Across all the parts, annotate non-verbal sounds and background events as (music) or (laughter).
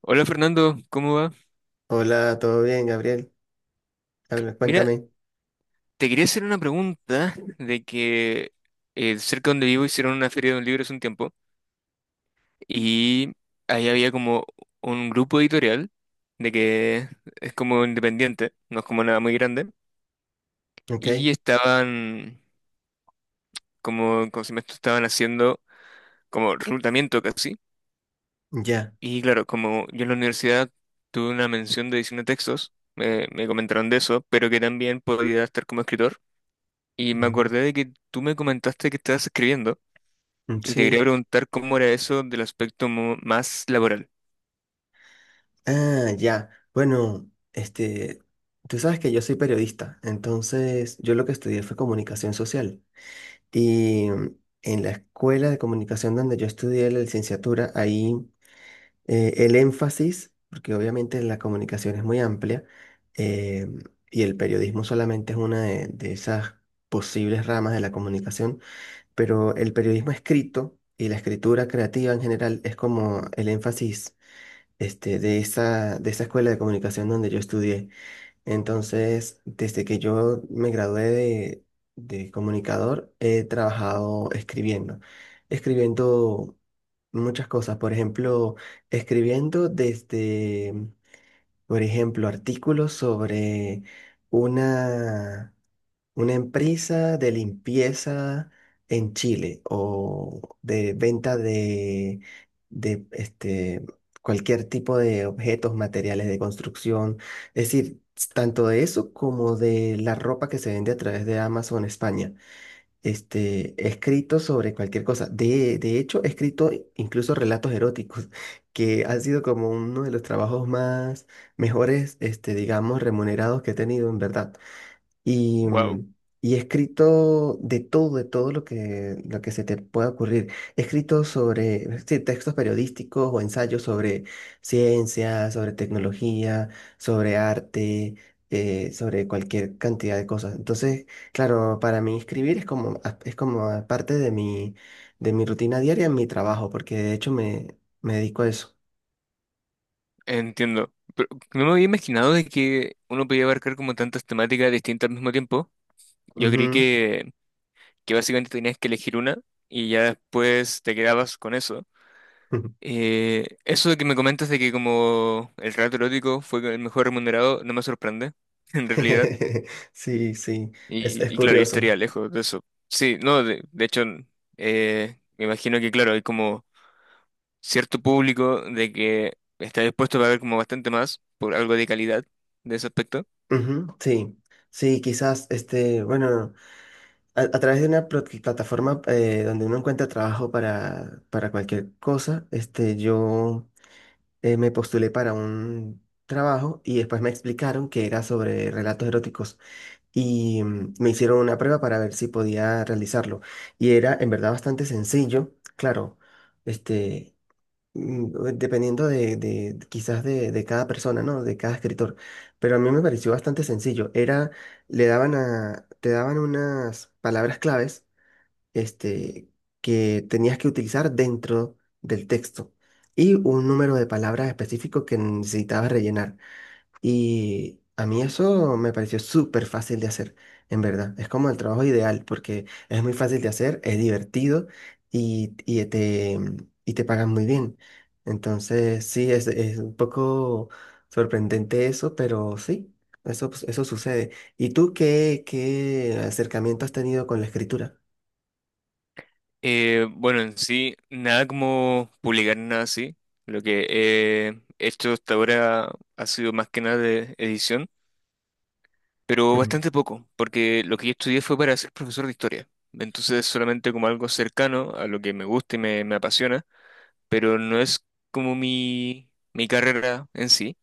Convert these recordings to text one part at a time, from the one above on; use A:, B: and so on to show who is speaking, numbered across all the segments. A: Hola Fernando, ¿cómo va?
B: Hola, ¿todo bien, Gabriel? Habla,
A: Mira,
B: cuéntame.
A: te quería hacer una pregunta de que cerca donde vivo hicieron una feria de un libro hace un tiempo y ahí había como un grupo editorial de que es como independiente, no es como nada muy grande,
B: Ok,
A: y estaban como, como si me estaban haciendo como reclutamiento casi.
B: ya.
A: Y claro, como yo en la universidad tuve una mención de edición de textos, me comentaron de eso, pero que también podía estar como escritor. Y me
B: Ujú.
A: acordé de que tú me comentaste que estabas escribiendo y te quería
B: Sí.
A: preguntar cómo era eso del aspecto más laboral.
B: Ah, ya. Bueno, este, tú sabes que yo soy periodista, entonces yo lo que estudié fue comunicación social. Y en la escuela de comunicación donde yo estudié la licenciatura, ahí el énfasis, porque obviamente la comunicación es muy amplia, eh, y el periodismo solamente es una de esas posibles ramas de la comunicación. Pero el periodismo escrito y la escritura creativa en general es como el énfasis de esa escuela de comunicación donde yo estudié. Entonces, desde que yo me gradué de comunicador, he trabajado escribiendo, escribiendo muchas cosas, por ejemplo, escribiendo desde, por ejemplo, artículos sobre una... una empresa de limpieza en Chile o de venta de, de cualquier tipo de objetos, materiales de construcción. Es decir, tanto de eso como de la ropa que se vende a través de Amazon España. He escrito sobre cualquier cosa. De hecho, he escrito incluso relatos eróticos, (laughs) que han sido como uno de los trabajos más mejores, este, digamos, remunerados que he tenido en verdad. Y,
A: Wow,
B: mm, y he escrito de todo lo que se te pueda ocurrir. He escrito sobre sí, textos periodísticos o ensayos sobre ciencia, sobre tecnología, sobre arte, sobre cualquier cantidad de cosas. Entonces, claro, para mí escribir es como, es como a parte de mi rutina diaria en mi trabajo, porque de hecho me dedico a eso.
A: entiendo. Pero no me había imaginado de que uno podía abarcar como tantas temáticas distintas al mismo tiempo. Yo creí
B: Ujú.
A: que básicamente tenías que elegir una y ya después te quedabas con eso.
B: (laughs)
A: Eso de que me comentas de que como el relato erótico fue el mejor remunerado no me sorprende, (laughs) en realidad.
B: Sí, sí, es
A: Y claro, yo
B: curioso.
A: estaría lejos de eso. Sí, no, de hecho, me imagino que, claro, hay como cierto público de que está dispuesto a pagar como bastante más por algo de calidad de ese aspecto.
B: Ujú, sí, sí, quizás, bueno, a través de una plataforma donde uno encuentra trabajo para cualquier cosa, yo me postulé para un trabajo y después me explicaron que era sobre relatos eróticos y me hicieron una prueba para ver si podía realizarlo. Y era en verdad bastante sencillo, claro, este dependiendo de, quizás de cada persona, ¿no? De cada escritor. Pero a mí me pareció bastante sencillo. Era, te daban unas palabras claves, este, que tenías que utilizar dentro del texto y un número de palabras específico que necesitabas rellenar. Y a mí eso me pareció súper fácil de hacer, en verdad. Es como el trabajo ideal porque es muy fácil de hacer, es divertido y y te pagan muy bien. Entonces, sí, es un poco sorprendente eso, pero sí, eso, pues, eso sucede. ¿Y tú qué, qué acercamiento has tenido con la escritura?
A: Bueno, en sí, nada como publicar nada así. Lo que he hecho hasta ahora ha sido más que nada de edición, pero
B: Mm,
A: bastante poco, porque lo que yo estudié fue para ser profesor de historia. Entonces, solamente como algo cercano a lo que me gusta y me apasiona. Pero no es como mi carrera en sí,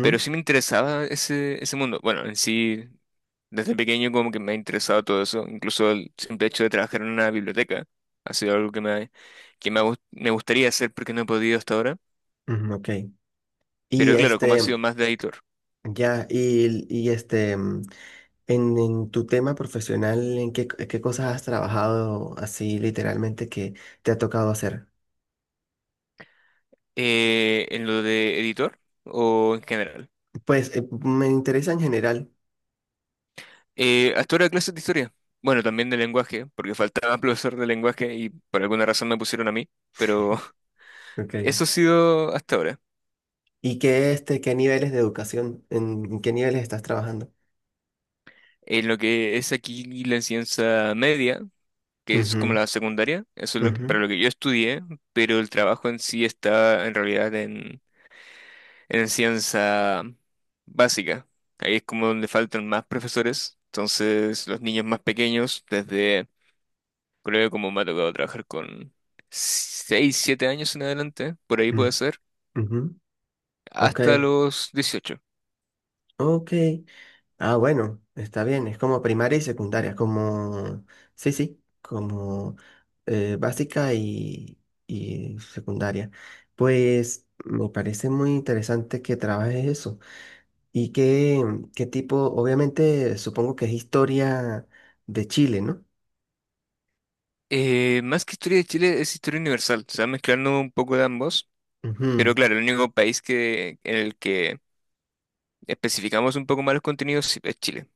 A: pero sí me interesaba ese, ese mundo. Bueno, en sí, desde pequeño como que me ha interesado todo eso, incluso el simple hecho de trabajar en una biblioteca ha sido algo que me, me gustaría hacer porque no he podido hasta ahora,
B: ujú, ok. Y
A: pero claro, como ha
B: este,
A: sido más de editor.
B: ya, y, y este. En tu tema profesional, ¿en qué, qué cosas has trabajado así literalmente que te ha tocado hacer?
A: En lo de editor o en general.
B: Pues me interesa en general.
A: Hasta ahora clases de historia. Bueno, también de lenguaje, porque faltaba (laughs) profesor de lenguaje y por alguna razón me pusieron a mí, pero (laughs)
B: Ok.
A: eso ha sido hasta ahora.
B: ¿Y qué, qué niveles de educación, en qué niveles estás trabajando?
A: En lo que es aquí la ciencia media, que es
B: Ujú,
A: como la secundaria, eso es
B: ujú,
A: para lo que yo estudié, pero el trabajo en sí está en realidad en ciencia básica. Ahí es como donde faltan más profesores, entonces los niños más pequeños, desde creo que como me ha tocado trabajar con 6 o 7 años en adelante, por ahí puede
B: mm,
A: ser,
B: ujú. Ok,
A: hasta los 18.
B: ok. Ah, bueno, está bien, es como primaria y secundaria, como, sí, sí, como básica y secundaria. Pues me parece muy interesante que trabajes eso. ¿Y qué, qué tipo? Obviamente, supongo que es historia de Chile, ¿no?
A: Más que historia de Chile es historia universal, se va mezclando un poco de ambos.
B: Ujú,
A: Pero claro, el único país que, en el que especificamos un poco más los contenidos sí, es Chile.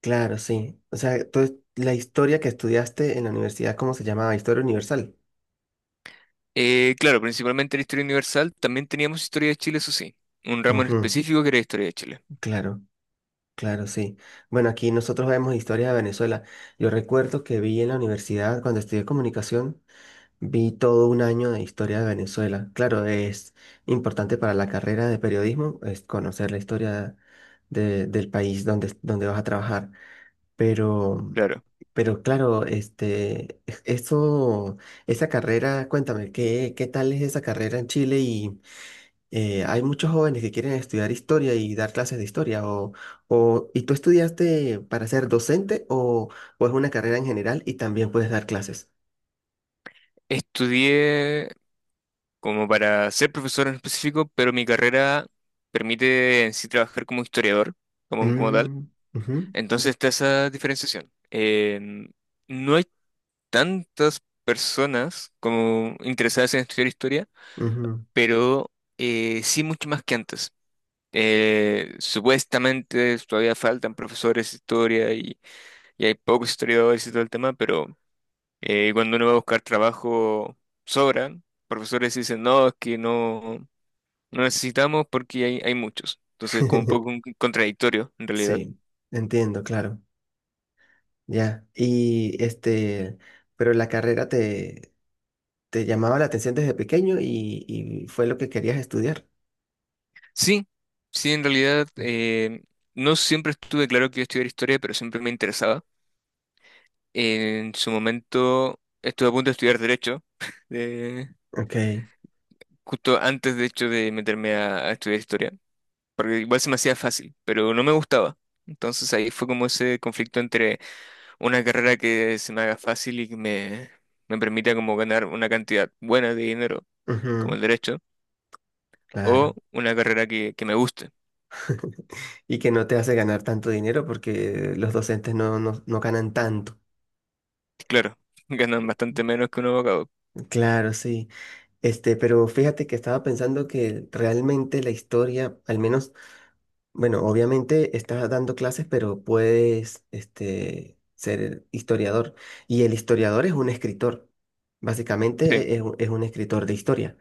B: claro, sí. O sea, la historia que estudiaste en la universidad, ¿cómo se llamaba? Historia universal.
A: Claro, principalmente la historia universal, también teníamos historia de Chile, eso sí. Un ramo en
B: Ujú,
A: específico que era historia de Chile.
B: claro. Claro, sí. Bueno, aquí nosotros vemos historias de Venezuela. Yo recuerdo que vi en la universidad, cuando estudié comunicación, vi todo un año de historia de Venezuela. Claro, es importante para la carrera de periodismo, es conocer la historia del país donde, donde vas a trabajar. Pero,
A: Claro.
B: pero claro, eso, esa carrera, cuéntame, ¿qué, qué tal es esa carrera en Chile? Hay muchos jóvenes que quieren estudiar historia y dar clases de historia. ¿Y tú estudiaste para ser docente o es una carrera en general y también puedes dar clases?
A: Estudié como para ser profesor en específico, pero mi carrera permite en sí trabajar como historiador, como, como tal.
B: Mm, ujú,
A: Entonces está esa diferenciación. No hay tantas personas como interesadas en estudiar historia,
B: ujú.
A: pero sí mucho más que antes. Supuestamente todavía faltan profesores de historia y hay pocos historiadores y todo el tema, pero cuando uno va a buscar trabajo, sobran. Profesores dicen, no, es que no, no necesitamos porque hay muchos. Entonces, como un poco un
B: (laughs)
A: contradictorio, en realidad.
B: Sí, entiendo, claro. Ya. Pero la carrera te, te llamaba la atención desde pequeño y fue lo que querías estudiar.
A: Sí, sí, en realidad, no siempre estuve claro que iba a estudiar historia, pero siempre me interesaba. En su momento estuve a punto de estudiar derecho, (laughs) eh,
B: Ok.
A: justo antes, de hecho, de meterme a estudiar historia. Porque igual se me hacía fácil, pero no me gustaba. Entonces ahí fue como ese conflicto entre una carrera que se me haga fácil y que me permita como ganar una cantidad buena de dinero, como
B: Ujú,
A: el derecho, o
B: claro.
A: una carrera que me guste.
B: (laughs) Y que no te hace ganar tanto dinero porque los docentes no, no, no ganan tanto.
A: Claro, (laughs) ganan bastante menos que un abogado.
B: Claro, sí. Pero fíjate que estaba pensando que realmente la historia, al menos, bueno, obviamente estás dando clases, pero puedes, ser historiador. Y el historiador es un escritor.
A: Sí,
B: Básicamente un es un escritor de historia.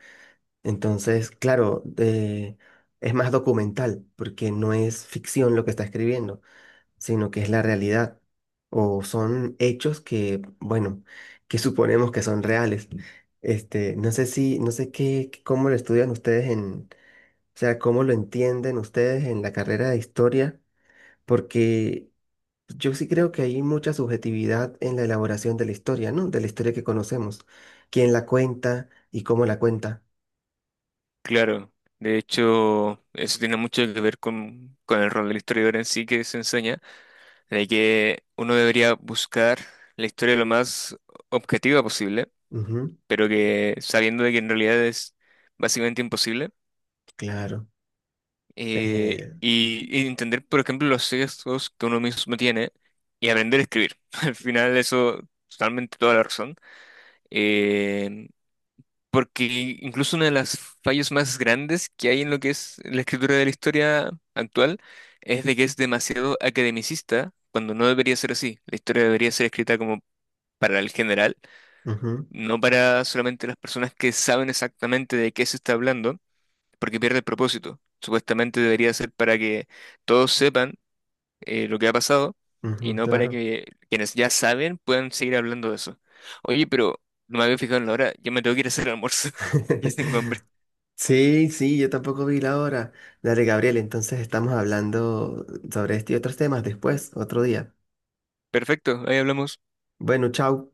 B: Entonces, claro, es más documental, porque no es ficción lo que está escribiendo, sino que es la realidad o son hechos que, bueno, que suponemos que son reales. No sé si, no sé qué, cómo lo estudian ustedes en, o sea, cómo lo entienden ustedes en la carrera de historia, porque yo sí creo que hay mucha subjetividad en la elaboración de la historia, ¿no? De la historia que conocemos, quién la cuenta y cómo la cuenta.
A: claro. De hecho, eso tiene mucho que ver con el rol del historiador en sí que se enseña, de que uno debería buscar la historia lo más objetiva posible,
B: Ujú,
A: pero que sabiendo de que en realidad es básicamente imposible,
B: claro. Eh,
A: y entender, por ejemplo, los sesgos que uno mismo tiene y aprender a escribir. (laughs) Al final eso, totalmente toda la razón. Eh, porque incluso una de las fallos más grandes que hay en lo que es la escritura de la historia actual es de que es demasiado academicista cuando no debería ser así. La historia debería ser escrita como para el general,
B: ujú,
A: no para solamente las personas que saben exactamente de qué se está hablando porque pierde el propósito. Supuestamente debería ser para que todos sepan lo que ha pasado y
B: ujú,
A: no para
B: claro.
A: que quienes ya saben puedan seguir hablando de eso. Oye, pero no me había fijado en la hora, yo me tengo que ir a hacer el almuerzo. (laughs) Y tengo hambre.
B: (laughs) Sí, sí, yo tampoco vi la hora. Dale, Gabriel, entonces estamos hablando sobre este y otros temas después, otro día.
A: Perfecto, ahí hablamos.
B: Bueno, chao.